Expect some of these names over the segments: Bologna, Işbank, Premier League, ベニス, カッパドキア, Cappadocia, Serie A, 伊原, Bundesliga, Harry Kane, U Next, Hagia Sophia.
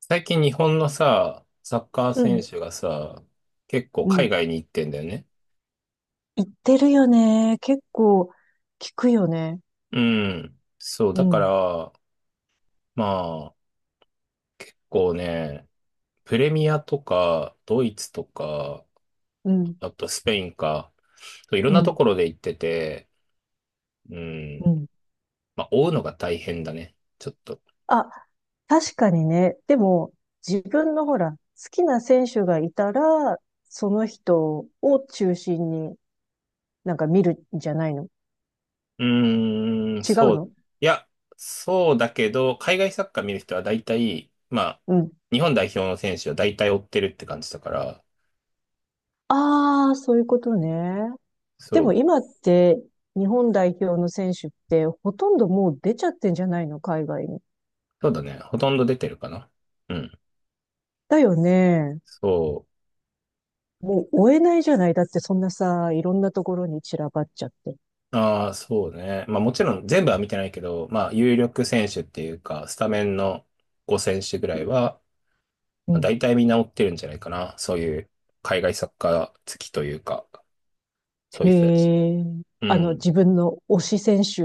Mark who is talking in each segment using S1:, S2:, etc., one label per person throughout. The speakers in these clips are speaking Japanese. S1: 最近日本のさ、サッカー
S2: う
S1: 選
S2: ん、
S1: 手がさ、結構
S2: う
S1: 海
S2: ん。
S1: 外に行ってんだよね。
S2: 言ってるよね。結構聞くよね。
S1: うん。そう、
S2: う
S1: だか
S2: ん、
S1: ら、まあ、こうね、プレミアとか、ドイツとか、
S2: うん、
S1: あとスペインか、そういろん
S2: う
S1: なと
S2: ん、
S1: ころで行ってて、う
S2: う
S1: ん。
S2: ん。
S1: まあ、追うのが大変だね。ちょっと。
S2: あ、確かにね。でも、自分のほら、好きな選手がいたら、その人を中心になんか見るんじゃないの？
S1: うーん、
S2: 違う
S1: そう。
S2: の？
S1: いや、そうだけど、海外サッカー見る人は大体、まあ、
S2: うん。
S1: 日本代表の選手は大体追ってるって感じだから、
S2: ああ、そういうことね。で
S1: そ
S2: も
S1: う。
S2: 今って日本代表の選手ってほとんどもう出ちゃってんじゃないの？海外に。
S1: そうだね。ほとんど出てるかな。うん。
S2: だよね。
S1: そ
S2: もう追えないじゃない。だってそんなさ、いろんなところに散らばっちゃって。
S1: う。ああ、そうね。まあもちろん全部は見てないけど、まあ有力選手っていうか、スタメンの5選手ぐらいは、
S2: う
S1: まあ、
S2: ん。
S1: 大体みんな追ってるんじゃないかな。そういう海外サッカー好きというか、そう
S2: へ
S1: いう人たち。
S2: え。
S1: うん。
S2: 自分の推し選手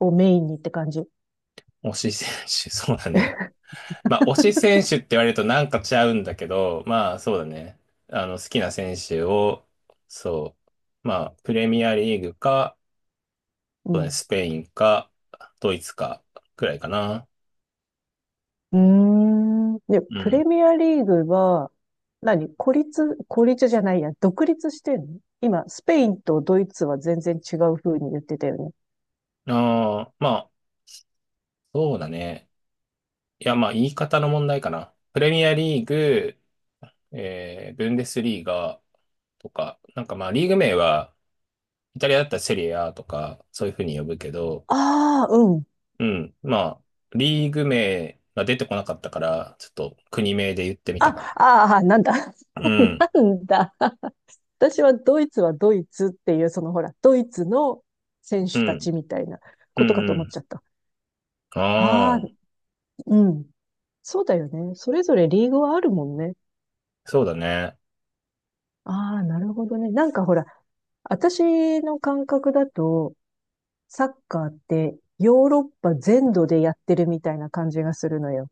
S2: をメインにって感じ。
S1: 推し選手、そうだね。まあ推し選手って言われるとなんかちゃうんだけど、まあそうだね。あの好きな選手を、そう。まあプレミアリーグか、
S2: う
S1: そうね、
S2: ん。
S1: スペインか、ドイツか、くらいかな。
S2: うーん。で、
S1: う
S2: プレ
S1: ん。
S2: ミアリーグは、何孤立、孤立じゃないや、独立してんの今、スペインとドイツは全然違う風に言ってたよね。
S1: ああ、まあ、そうだね。いや、まあ、言い方の問題かな。プレミアリーグ、ブンデスリーガとか、なんかまあ、リーグ名は、イタリアだったらセリエ A とか、そういうふうに呼ぶけど、
S2: ああ、うん。
S1: うん、まあ、リーグ名が出てこなかったから、ちょっと国名で言ってみた
S2: あ、
S1: かな。
S2: ああ、なんだ。
S1: うん、
S2: なんだ。私はドイツはドイツっていう、ほら、ドイツの選
S1: う
S2: 手た
S1: ん、
S2: ちみたいな
S1: う
S2: ことかと
S1: ん、う
S2: 思っ
S1: ん。
S2: ちゃった。
S1: あ
S2: ああ、
S1: あ、
S2: うん。そうだよね。それぞれリーグはあるもんね。
S1: そうだね。
S2: ああ、なるほどね。なんかほら、私の感覚だと、サッカーってヨーロッパ全土でやってるみたいな感じがするのよ。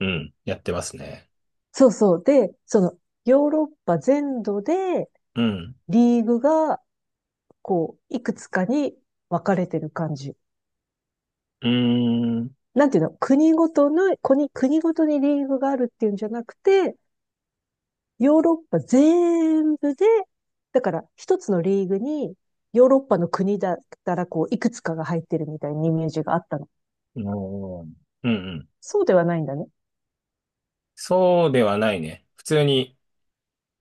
S1: うん、やってますね。
S2: そうそう。で、ヨーロッパ全土で
S1: うん。
S2: リーグが、こう、いくつかに分かれてる感じ。
S1: うーん。
S2: なんていうの、国ごとにリーグがあるっていうんじゃなくて、ヨーロッパ全部で、だから一つのリーグにヨーロッパの国だったらこう、いくつかが入ってるみたいなイメージがあったの。
S1: おーうんうん。
S2: そうではないんだね。
S1: そうではないね。普通に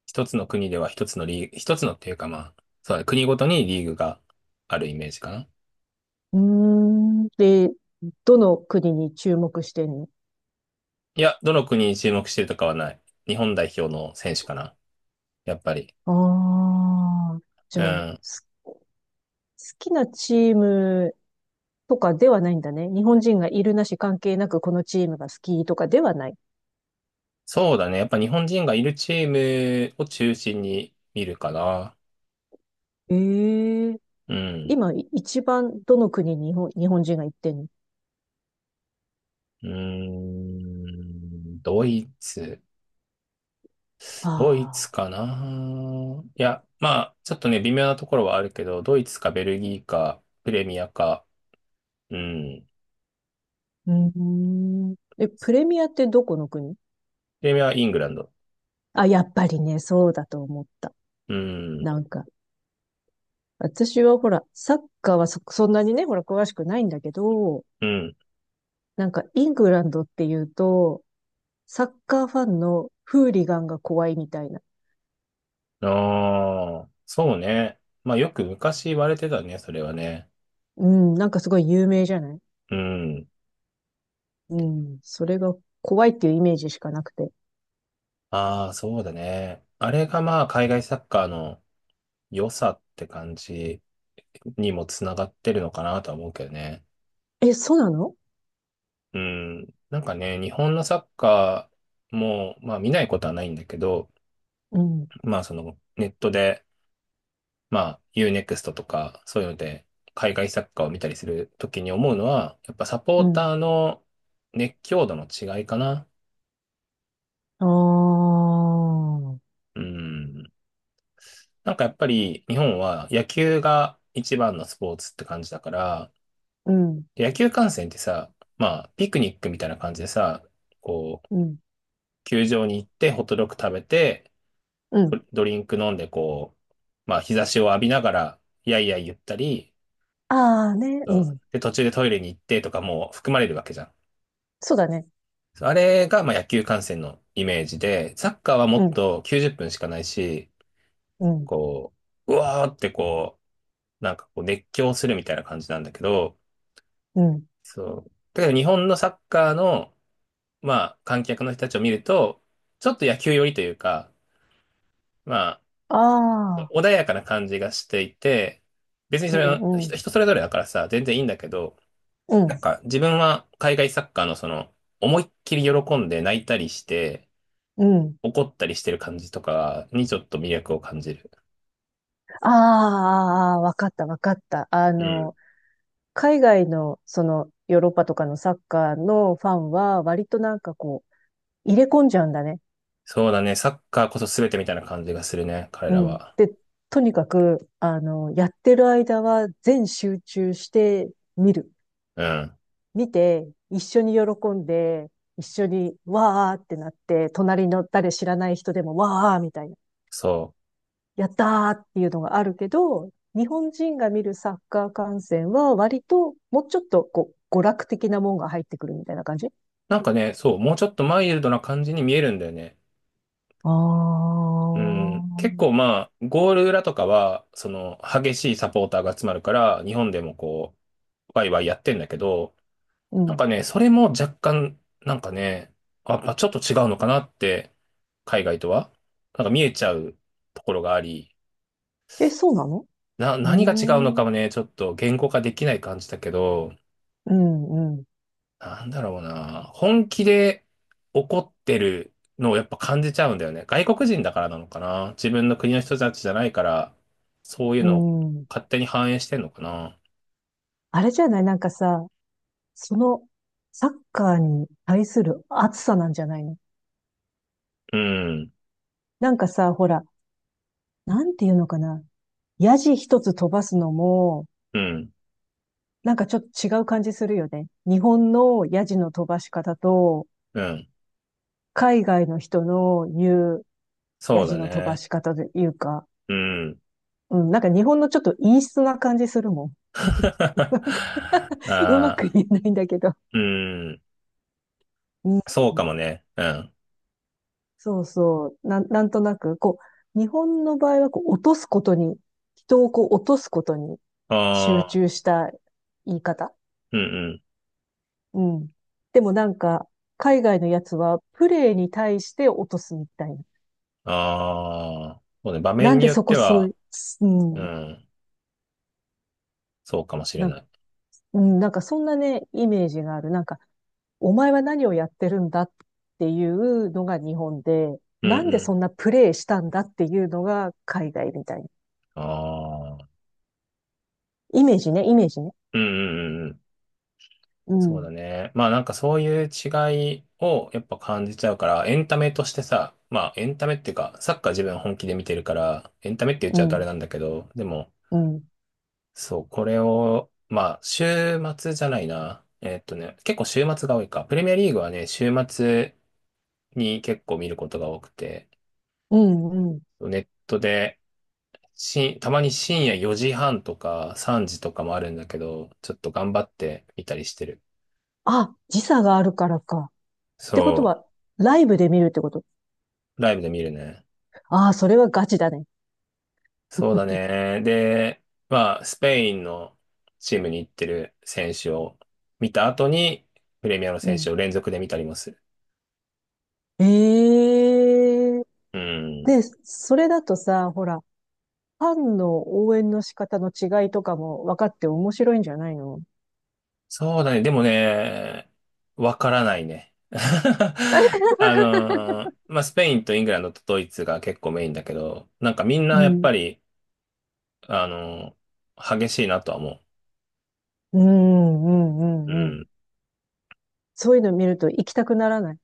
S1: 一つの国では一つのリーグ、一つのっていうかまあ、そうだね、国ごとにリーグがあるイメージかな。
S2: うーん。で、どの国に注目してんの？
S1: いや、どの国に注目してるとかはない。日本代表の選手かな。やっぱり。
S2: ああー、じ
S1: う
S2: ゃあ、
S1: ん。
S2: す好きなチームとかではないんだね。日本人がいるなし関係なくこのチームが好きとかではない。
S1: そうだね。やっぱ日本人がいるチームを中心に見るかな。
S2: ええ。
S1: うん。
S2: 今、一番どの国に日本人が行ってんの？
S1: うーん。ドイツ。ドイツ
S2: あ
S1: かないや、まあ、ちょっとね、微妙なところはあるけど、ドイツかベルギーか、プレミアか、うん。
S2: あー、うーん。え、プレミアってどこの国？
S1: プレミアはイングランド。
S2: あ、やっぱりね、そうだと思った。
S1: うん、
S2: なんか、私はほら、サッカーはそんなにね、ほら、詳しくないんだけど、
S1: うん。
S2: なんか、イングランドっていうと、サッカーファンのフーリガンが怖いみたいな。
S1: ああ、そうね。まあ、よく昔言われてたね、それはね。
S2: うん、なんかすごい有名じゃない？
S1: うん。
S2: うん、それが怖いっていうイメージしかなくて。
S1: ああ、そうだね。あれがまあ、海外サッカーの良さって感じにもつながってるのかなとは思うけどね。
S2: え、そうなの？
S1: うん。なんかね、日本のサッカーも、まあ、見ないことはないんだけど、
S2: うん、
S1: まあそのネットで、まあ Uネクストとかそういうので海外サッカーを見たりするときに思うのは、やっぱサポ
S2: う
S1: ー
S2: ん。
S1: ターの熱狂度の違いかな。
S2: ああ。
S1: うん。なんかやっぱり日本は野球が一番のスポーツって感じだから、
S2: うん。
S1: で野球観戦ってさ、まあピクニックみたいな感じでさ、こう、
S2: うん。
S1: 球場に行ってホットドッグ食べて、
S2: うん。
S1: ドリンク飲んでこう、まあ日差しを浴びながら、やいやい言ったり、
S2: ああね。
S1: そ
S2: う
S1: う
S2: ん。
S1: で、途中でトイレに行ってとかも含まれるわけじゃん。
S2: そうだね。
S1: そうあれがまあ野球観戦のイメージで、サッカーはも
S2: う
S1: っ
S2: ん。
S1: と90分しかないし、
S2: うん。
S1: こう、うわーってこう、なんかこう熱狂するみたいな感じなんだけど、
S2: うん。
S1: そう。だけど日本のサッカーの、まあ観客の人たちを見ると、ちょっと野球寄りというか、まあ、
S2: ああ。
S1: 穏やかな感じがしていて、別に
S2: う
S1: それは
S2: ん。う
S1: 人、
S2: ん。
S1: 人それぞれだからさ、全然いいんだけど、
S2: う
S1: なん
S2: ん。
S1: か自分は海外サッカーのその思いっきり喜んで泣いたりして
S2: うん。
S1: 怒ったりしてる感じとかにちょっと魅力を感じる。
S2: ああ、あーあー、わかった、わかった。
S1: うん。
S2: 海外の、ヨーロッパとかのサッカーのファンは、割となんかこう、入れ込んじゃうんだね。
S1: そうだね。サッカーこそ全てみたいな感じがするね。彼
S2: う
S1: ら
S2: ん。
S1: は。
S2: で、とにかく、やってる間は全集中して見る。
S1: うん。
S2: 見て、一緒に喜んで、一緒にわーってなって、隣の誰知らない人でもわーみたいな、
S1: そう。
S2: やったーっていうのがあるけど、日本人が見るサッカー観戦は割ともうちょっとこう娯楽的なもんが入ってくるみたいな感じ？
S1: なんかね、そう。もうちょっとマイルドな感じに見えるんだよね。
S2: あ
S1: うん。結
S2: あ。
S1: 構まあ、ゴール裏とかは、その激しいサポーターが集まるから、日本でもこう、ワイワイやってんだけど、
S2: う
S1: なん
S2: ん。
S1: かね、それも若干、なんかね、あ、まあ、ちょっと違うのかなって、海外とは、なんか見えちゃうところがあり、
S2: え、そうなの？う
S1: 何が違うのか
S2: ー
S1: も
S2: ん。
S1: ね、ちょっと言語化できない感じだけど、
S2: うん、うん、
S1: なんだろうな、本気で怒ってるのをやっぱ感じちゃうんだよね。外国人だからなのかな。自分の国の人たちじゃないから、そういう
S2: う
S1: のを
S2: ん。
S1: 勝手に反映してんのかな。
S2: あれじゃない？なんかさ、そのサッカーに対する熱さなんじゃないの？
S1: うん、
S2: なんかさ、ほら、なんていうのかな。ヤジ一つ飛ばすのも、
S1: うん、
S2: なんかちょっと違う感じするよね。日本のヤジの飛ばし方と、
S1: うん。
S2: 海外の人の言うヤ
S1: そう
S2: ジ
S1: だ
S2: の飛ば
S1: ね。
S2: し方というか、
S1: うん。
S2: うん、なんか日本のちょっと陰湿な感じするもん。な んかうまく
S1: ああ。
S2: 言えないんだけど。
S1: うん。
S2: うん、
S1: そうかもね。うん。
S2: そうそう。なんとなく、こう、日本の場合はこう落とすことに、人をこう落とすことに集
S1: ああ、
S2: 中した言い方。
S1: うんうん。
S2: うん。でもなんか、海外のやつは、プレイに対して落とすみたいな。
S1: ああ、そうね。場
S2: な
S1: 面
S2: ん
S1: に
S2: で
S1: よっ
S2: そ
S1: て
S2: こそ
S1: は、
S2: う、う
S1: う
S2: ん、
S1: ん。そうかもしれ
S2: な、
S1: ない。
S2: うん、なんかそんなね、イメージがある。なんか、お前は何をやってるんだっていうのが日本で、
S1: うん
S2: なんで
S1: うん。
S2: そんなプレイしたんだっていうのが海外みたいな。
S1: ああ、
S2: イメージね、イメージね。
S1: うんうんうんうん。
S2: う
S1: そうだ
S2: ん、
S1: ね。まあなんかそういう違いをやっぱ感じちゃうから、エンタメとしてさ、まあエンタメっていうか、サッカー自分本気で見てるから、エンタメって言っ
S2: う
S1: ちゃうとあれ
S2: ん、
S1: なんだけど、でも、
S2: うん、
S1: そう、これを、まあ週末じゃないな。えっとね、結構週末が多いか。プレミアリーグはね、週末、に結構見ることが多くて、
S2: うん、うん。
S1: ネットでたまに深夜4時半とか3時とかもあるんだけど、ちょっと頑張って見たりしてる。
S2: あ、時差があるからか。ってこと
S1: そ
S2: は、ライブで見るってこと？
S1: う、ライブで見るね。
S2: ああ、それはガチだね。
S1: そうだね。で、まあ、スペインのチームに行ってる選手を見た後に、プレミアの
S2: う
S1: 選手
S2: ん。
S1: を連続で見たりもする。
S2: ええ。
S1: うん。
S2: で、それだとさ、ほら、ファンの応援の仕方の違いとかも分かって面白いんじゃないの？
S1: そうだね。でもね、わからないね。まあ、スペインとイングランドとドイツが結構メインだけど、なんかみん
S2: う
S1: なやっ
S2: ん。
S1: ぱり、あの激しいなとは思
S2: うん、うん、
S1: う。う
S2: うん、うん。
S1: ん。
S2: そういうの見ると行きたくならない？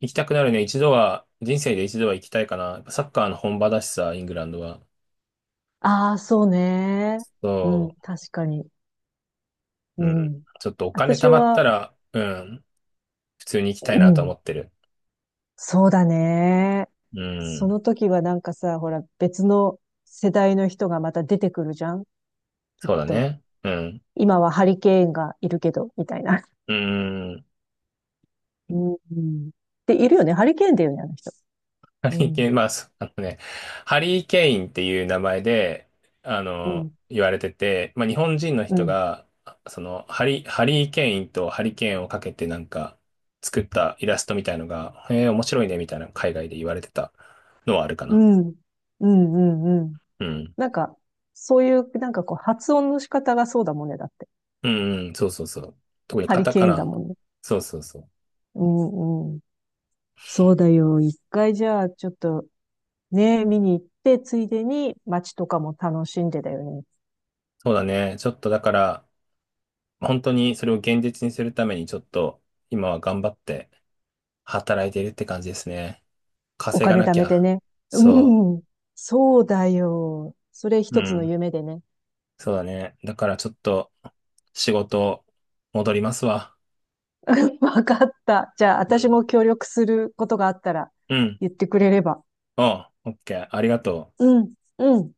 S1: 行きたくなるね。一度は、人生で一度は行きたいかな。やっぱサッカーの本場だしさ、イングランドは。
S2: ああ、そうね。う
S1: そ
S2: ん、確かに。
S1: う。
S2: う
S1: うん。
S2: ん。
S1: ちょっとお金
S2: 私
S1: 貯まった
S2: は、
S1: ら、うん。普通に行きたい
S2: う
S1: なとは
S2: ん、
S1: 思ってる。
S2: そうだね。
S1: う
S2: そ
S1: ん。
S2: の時はなんかさ、ほら、別の世代の人がまた出てくるじゃん、きっ
S1: そうだ
S2: と。
S1: ね。うん。
S2: 今はハリケーンがいるけど、みたいな。
S1: うん。
S2: うん。で、いるよね。ハリケーンだよね、あの人。
S1: ハ
S2: う
S1: リケーン、
S2: ん。
S1: まあ、あのね、ハリー・ケインっていう名前で、あ
S2: う
S1: の、
S2: ん、
S1: 言われてて、まあ、日本人の
S2: う
S1: 人
S2: ん、
S1: が、その、ハリー・ケインとハリケーンをかけてなんか、作ったイラストみたいのが、へえ、面白いね、みたいな海外で言われてたのはあるか
S2: う
S1: な。
S2: ん、うん、うん。うん。
S1: うん。
S2: なんか、そういう、なんかこう、発音の仕方がそうだもんね、だって。
S1: うんうん、そうそうそう。特に
S2: ハ
S1: カ
S2: リ
S1: タカ
S2: ケーンだ
S1: ナ。
S2: もんね。
S1: そうそうそう。
S2: うんうん。そうだよ。一回じゃあ、ちょっと、ね、見に行って、ついでに街とかも楽しんでだよね。
S1: そうだね。ちょっとだから、本当にそれを現実にするために、ちょっと、今は頑張って働いているって感じですね。
S2: お
S1: 稼が
S2: 金
S1: な
S2: 貯
S1: き
S2: めて
S1: ゃ。
S2: ね。
S1: そ
S2: うん。そうだよ。それ
S1: う。う
S2: 一つの
S1: ん。
S2: 夢でね。
S1: そうだね。だからちょっと仕事戻りますわ。
S2: わかった。じゃあ、
S1: う
S2: 私
S1: ん。
S2: も協力することがあったら
S1: うん。
S2: 言ってくれれば。
S1: おう、オッケー。ありがとう。
S2: うん、うん。